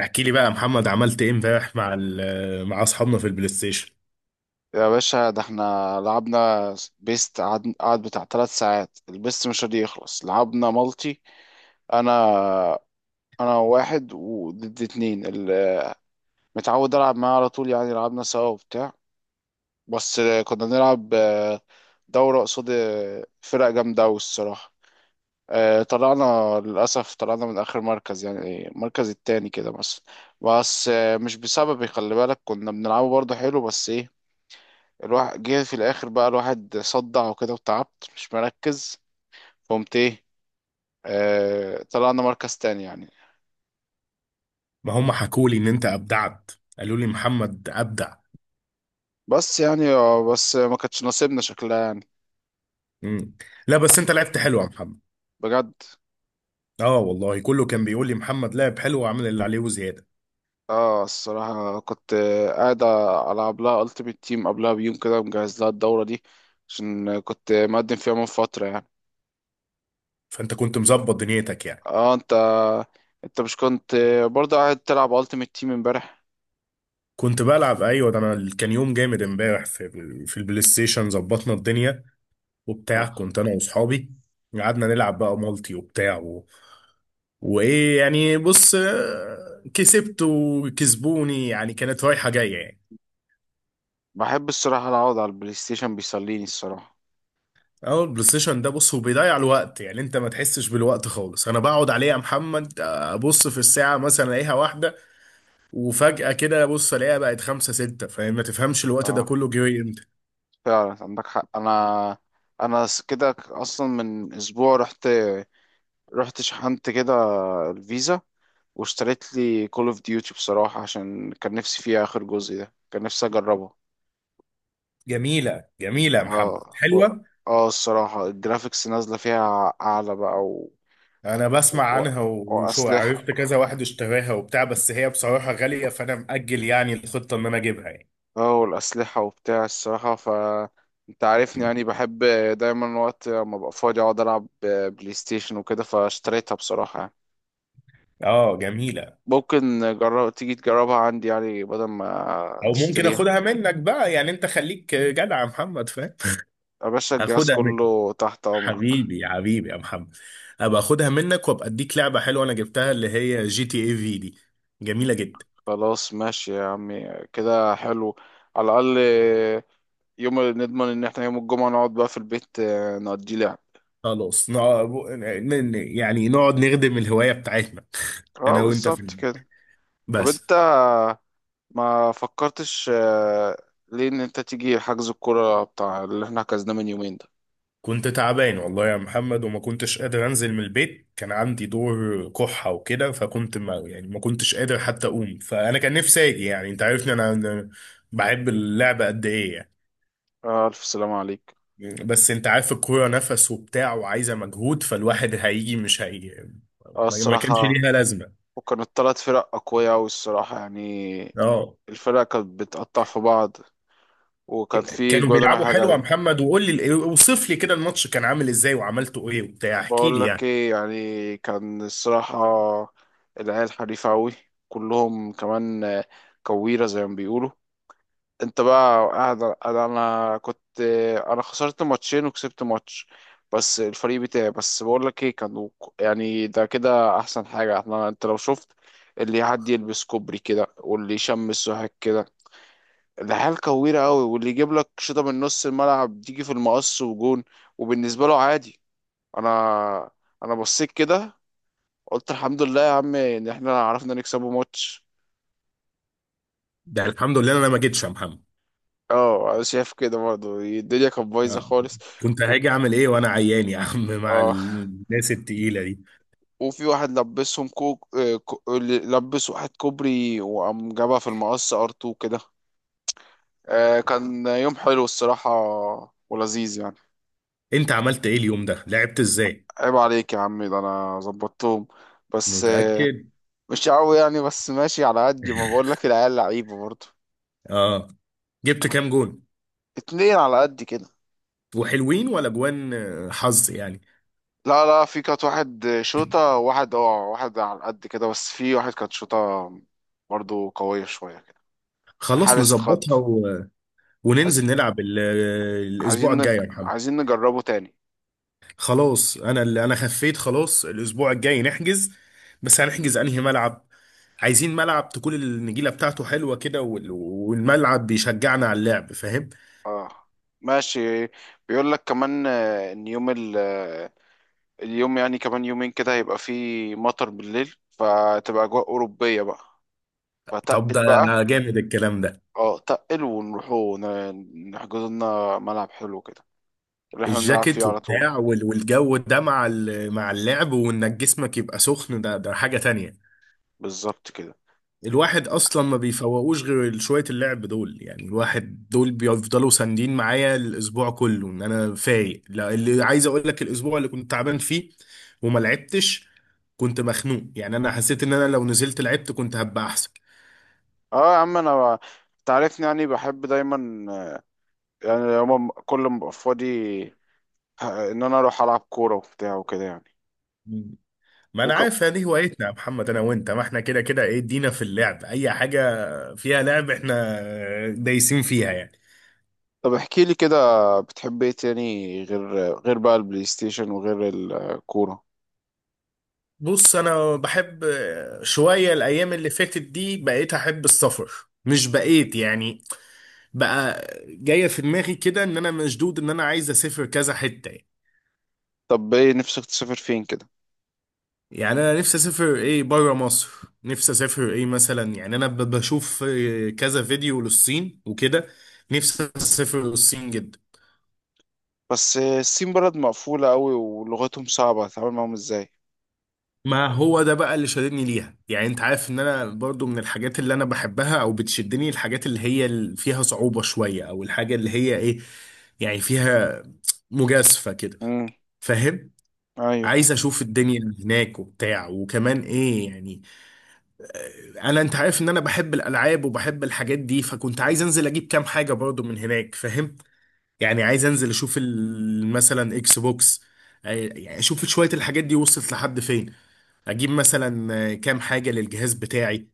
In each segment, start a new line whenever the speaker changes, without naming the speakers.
احكي لي بقى يا محمد، عملت ايه امبارح مع مع اصحابنا في البلاي ستيشن؟
يا باشا ده احنا لعبنا بيست قعد بتاع ثلاث ساعات، البيست مش راضي يخلص. لعبنا مالتي، انا انا واحد وضد اتنين، اللي متعود العب معاه على طول يعني. لعبنا سوا وبتاع، بس كنا بنلعب دورة قصاد فرق جامدة أوي الصراحة. اه، طلعنا، للأسف طلعنا من آخر مركز، يعني المركز التاني كده مثلا. بس مش بسببي، خلي بالك كنا بنلعبه برضه حلو، بس الواحد جه في الاخر بقى، الواحد صدع وكده وتعبت مش مركز، قمت ايه، طلعنا مركز تاني يعني.
ما هم حكوا لي ان انت ابدعت، قالوا لي محمد ابدع.
بس يعني بس ما كانتش نصيبنا شكلها يعني.
مم. لا بس انت لعبت حلو يا محمد.
بجد.
اه والله كله كان بيقول لي محمد لعب حلو وعمل اللي عليه وزياده.
اه الصراحة كنت قاعد ألعب لها ألتيمت تيم قبلها بيوم كده، مجهز لها الدورة دي، عشان كنت مقدم فيها من فترة يعني.
فانت كنت مظبط دنيتك يعني.
اه، انت مش كنت برضه قاعد تلعب ألتيمت تيم امبارح؟
كنت بلعب ايوه، ده انا كان يوم جامد امبارح في في البلاي ستيشن، ظبطنا الدنيا وبتاع.
اه
كنت انا واصحابي قعدنا نلعب بقى مالتي وبتاع وايه يعني. بص كسبت وكسبوني يعني، كانت رايحه جايه يعني.
بحب الصراحة أقعد على البلاي ستيشن، بيسليني الصراحة.
اول بلاي ستيشن ده بص هو بيضيع الوقت، يعني انت ما تحسش بالوقت خالص. انا بقعد عليه يا محمد ابص في الساعه مثلا الاقيها واحده، وفجاه كده ابص الاقيها بقت خمسة ستة، فاهم؟ ما تفهمش الوقت ده
اه
كله جه امتى.
فعلا عندك حق، انا انا س- كده ك- اصلا من اسبوع رحت، شحنت كده الفيزا، واشتريت لي كول اوف ديوتي بصراحة، عشان كان نفسي فيها، اخر جزء ده كان نفسي اجربه.
جميله جميله يا محمد،
اه و-
حلوه.
اه الصراحة الجرافيكس نازلة فيها اعلى بقى،
انا بسمع
و...
عنها وشو،
واسلحة.
عرفت كذا واحد اشتراها وبتاع، بس هي بصراحه غاليه، فانا مأجل يعني الخطه ان انا اجيبها يعني.
اه والاسلحة وبتاع الصراحة، ف انت عارفني
م.
يعني، بحب دايما وقت ما ببقى فاضي اقعد العب بلاي ستيشن وكده، فاشتريتها بصراحة يعني.
اه جميله.
ممكن جرب تيجي تجربها عندي، يعني بدل ما
او ممكن
تشتريها.
اخدها منك بقى يعني، انت خليك جدع يا محمد، فاهم؟
يا باشا الجهاز
اخدها.
كله تحت أمرك.
حبيبي حبيبي يا محمد، ابقى اخدها منك وابقى اديك لعبه حلوه انا جبتها اللي هي جي تي اي في دي، جميله جدا.
خلاص ماشي يا عمي كده حلو، على الأقل يوم نضمن إن احنا يوم الجمعة نقعد بقى في البيت، نقضي لعب.
خلاص يعني نقعد نخدم الهوايه بتاعتنا،
اه،
انا وانت في
بالظبط
البيت.
كده. طب
بس
انت ما فكرتش، ليه إن انت تيجي حجز الكورة، بتاع اللي احنا حجزناه من يومين ده؟
كنت تعبان والله يا محمد، وما كنتش قادر انزل من البيت، كان عندي دور كحة وكده، فكنت ما يعني ما كنتش قادر حتى اقوم. فانا كان نفسي اجي يعني، انت عارفني انا أنا بحب اللعبة قد ايه يعني.
ألف سلامة عليك.
بس انت عارف الكورة نفس وبتاع وعايزة مجهود، فالواحد هيجي مش هي،
اه
ما كانش
الصراحة،
ليها لازمة.
وكانت تلات فرق أقوياء أوي الصراحة يعني.
اه،
الفرقة كانت بتقطع في بعض، وكان في
كانوا
جوان
بيلعبوا
رايحة
حلو يا
جاية.
محمد. وقول لي اوصف لي كده الماتش كان عامل ازاي وعملته ايه وبتاع، احكي
بقول
لي
لك
يعني.
ايه، يعني كان الصراحة العيال حريفة أوي، كلهم كمان كويرة زي ما بيقولوا. انت بقى قاعد، انا كنت انا خسرت ماتشين وكسبت ماتش، بس الفريق بتاعي. بس بقول لك ايه، كانوا يعني، ده كده احسن حاجة احنا، انت لو شفت اللي حد يلبس كوبري كده، واللي يشمس سوحك كده، ده حال كويرة قوي. واللي يجيب لك شوطة من نص الملعب تيجي في المقص وجون، وبالنسبة له عادي. انا انا بصيت كده قلت الحمد لله يا عم ان احنا عرفنا نكسبه ماتش.
ده الحمد لله انا ما جيتش يا محمد.
اه، انا شايف كده برضه، الدنيا كانت بايظة
اه،
خالص.
كنت
و...
هاجي اعمل ايه وانا عيان يا عم؟ مع
اه
الناس التقيلة دي.
وفي واحد لبسهم كوك، اللي لبس واحد كوبري وقام جابها في المقص ار 2 كده. كان يوم حلو الصراحة ولذيذ يعني.
انت عملت ايه اليوم ده، لعبت ازاي؟
عيب عليك يا عم، ده انا ظبطتهم، بس
متأكد؟
مش قوي يعني، بس ماشي على قد ما بقول لك، العيال لعيبه برضه.
اه، جبت كام جون؟
اتنين على قد كده.
وحلوين ولا جوان حظ يعني؟
لا لا، في كانت واحد شوطة، واحد اه واحد على قد كده، بس في واحد كانت شوطة برضه قوية شوية كده.
خلاص
الحارس اتخض.
نظبطها وننزل
عايز...
نلعب الاسبوع الجاي يا محمد.
عايزين نجربه تاني.
خلاص انا اللي انا خفيت، خلاص الاسبوع الجاي نحجز. بس هنحجز انهي ملعب؟ عايزين ملعب تكون النجيله بتاعته حلوه كده، والملعب بيشجعنا على اللعب، فاهم؟
اه، ماشي. بيقول لك كمان، آه، ان يوم ال... آه، اليوم يعني كمان يومين كده هيبقى فيه مطر بالليل، فتبقى اجواء اوروبية بقى،
طب ده
فتقل بقى.
جامد الكلام ده.
اه، تقل، ونروحوا نحجز لنا ملعب حلو كده، اللي احنا بنلعب فيه
الجاكيت
على طول.
وبتاع والجو ده مع مع اللعب، وانك جسمك يبقى سخن، ده ده حاجه تانية.
بالظبط كده.
الواحد اصلا ما بيفوقوش غير شويه اللعب دول، يعني الواحد دول بيفضلوا ساندين معايا الاسبوع كله ان انا فايق. لا، اللي عايز اقول لك، الاسبوع اللي كنت تعبان فيه وما لعبتش كنت مخنوق، يعني انا حسيت ان انا لو نزلت لعبت كنت هبقى احسن.
اه يا عم، انا تعرفني يعني، بحب دايما يعني يوم كل ما ابقى فاضي ان انا اروح العب كوره وبتاع وكده يعني.
مم. ما انا
وك...
عارف دي هوايتنا يا محمد انا وانت. ما احنا كده كده ايه، ادينا في اللعب، اي حاجه فيها لعب احنا دايسين فيها يعني.
طب احكي لي كده، بتحب ايه تاني غير بقى البلاي ستيشن وغير الكوره؟
بص انا بحب شويه، الايام اللي فاتت دي بقيت احب السفر. مش بقيت يعني، بقى جايه في دماغي كده ان انا مشدود ان انا عايز اسافر كذا حته يعني.
طب ايه نفسك تسافر فين كده؟
يعني انا نفسي اسافر ايه بره مصر. نفسي اسافر ايه مثلا، يعني انا بشوف كذا فيديو للصين وكده، نفسي اسافر للصين جدا.
بس الصين بلد مقفوله قوي، ولغتهم صعبه، هتتعامل معاهم ازاي؟
ما هو ده بقى اللي شددني ليها، يعني انت عارف ان انا برضو من الحاجات اللي انا بحبها او بتشدني الحاجات اللي هي فيها صعوبة شوية، او الحاجة اللي هي ايه يعني فيها مجازفة كده،
امم.
فاهم؟
ايوه.
عايز اشوف الدنيا اللي هناك وبتاع. وكمان ايه يعني، انا انت عارف ان انا بحب الالعاب وبحب الحاجات دي، فكنت عايز انزل اجيب كام حاجه برضو من هناك، فاهم؟ يعني عايز انزل اشوف مثلا اكس بوكس، يعني اشوف شويه الحاجات دي وصلت لحد فين. اجيب مثلا كام حاجه للجهاز بتاعي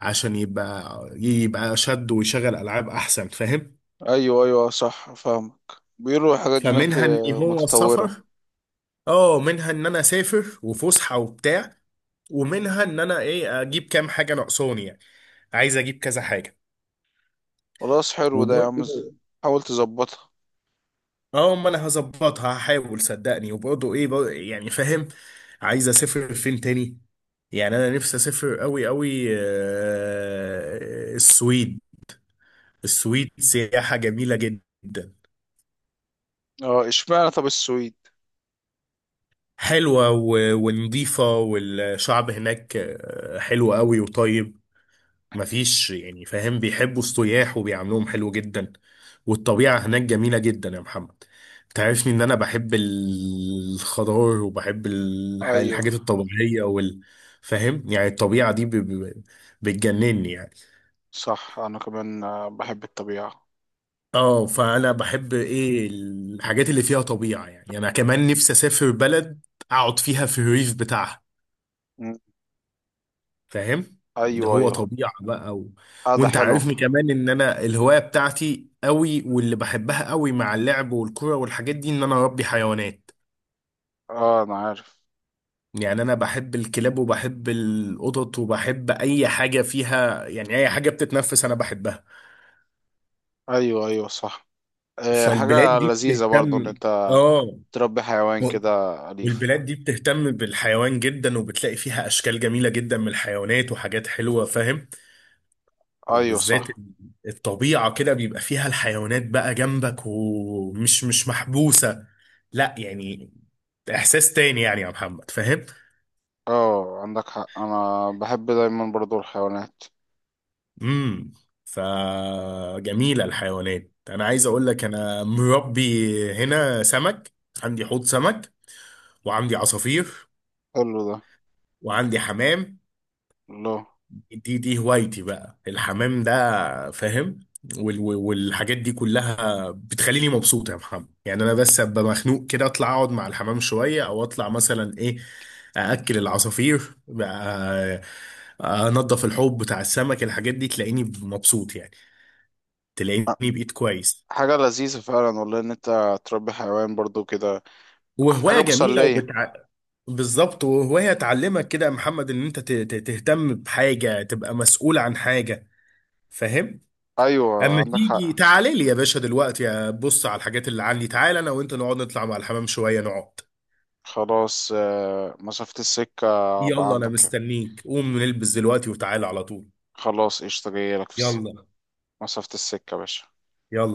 عشان يبقى يبقى شد ويشغل العاب احسن، فاهم؟
ايوه ايوه، صح، فاهمك. بيقولوا الحاجات دي هناك
فمنها ان هو
متطورة.
سفر، اه، منها ان انا اسافر وفسحه وبتاع، ومنها ان انا ايه اجيب كام حاجه ناقصاني يعني. عايز اجيب كذا حاجه
خلاص حلو ده يا عم،
وبرضه.
حاول تظبطها.
اه ما انا هظبطها هحاول صدقني. وبرضه ايه برضه يعني، فاهم؟ عايز اسافر فين تاني؟ يعني انا نفسي اسافر قوي قوي السويد. السويد سياحة جميلة جدا،
اه اشمعنى طب السويد؟
حلوة ونضيفة، والشعب هناك حلو قوي وطيب، مفيش يعني فاهم، بيحبوا السياح وبيعاملوهم حلو جدا. والطبيعة هناك جميلة جدا يا محمد. تعرفني ان انا بحب الخضار وبحب
ايوه
الحاجات الطبيعية وال، فاهم يعني؟ الطبيعة دي بتجنني يعني.
صح، انا كمان بحب الطبيعة.
اه، فانا بحب ايه الحاجات اللي فيها طبيعة. يعني انا كمان نفسي اسافر بلد اقعد فيها في الريف بتاعها،
مم.
فاهم؟ ده
ايوه
هو
ايوه.
طبيعة بقى
اه، ده
وانت
حلو.
عارفني كمان ان انا الهواية بتاعتي قوي واللي بحبها قوي مع اللعب والكرة والحاجات دي، ان انا اربي حيوانات.
اه انا عارف.
يعني انا بحب الكلاب وبحب القطط وبحب اي حاجة فيها يعني، اي حاجة بتتنفس انا بحبها.
ايوه ايوه صح. آه،
فالبلاد
حاجة
دي
لذيذة برضو ان
بتهتم،
انت
اه،
تربي حيوان
و-
كده أليف.
والبلاد دي بتهتم بالحيوان جدا، وبتلاقي فيها اشكال جميلة جدا من الحيوانات وحاجات حلوة، فاهم؟
ايوه
وبالذات
صح.
الطبيعة كده بيبقى فيها الحيوانات بقى جنبك، ومش مش محبوسة، لا يعني. إحساس تاني يعني يا محمد، فاهم؟
اه عندك حق، انا بحب دايما برضو الحيوانات.
امم، فجميلة الحيوانات. أنا عايز أقول لك، أنا مربي هنا سمك، عندي حوض سمك، وعندي عصافير،
حلو ده.
وعندي حمام.
الله.
دي هوايتي بقى الحمام ده، فاهم؟ والحاجات دي كلها بتخليني مبسوط يا محمد. يعني انا بس ابقى مخنوق كده اطلع اقعد مع الحمام شويه، او اطلع مثلا ايه ااكل العصافير بقى، انضف الحوض بتاع السمك، الحاجات دي تلاقيني مبسوط يعني، تلاقيني بقيت كويس.
حاجة لذيذة فعلا والله ان انت تربي حيوان برضو كده،
وهوايه
حاجة
جميله
مسلية.
بالظبط. وهوايه تعلمك كده يا محمد ان انت تهتم بحاجه، تبقى مسؤول عن حاجه، فاهم؟
ايوه
اما
عندك
تيجي
حق.
تعالي لي يا باشا دلوقتي، بص على الحاجات اللي عندي. تعالى انا وانت نقعد نطلع مع الحمام شويه، نقعد.
خلاص مسافة السكة. ابقى
يلا انا
عندك.
مستنيك، قوم نلبس دلوقتي وتعالى على طول.
خلاص قشطة،
يلا
مسافة السكة يا باشا.
يلا.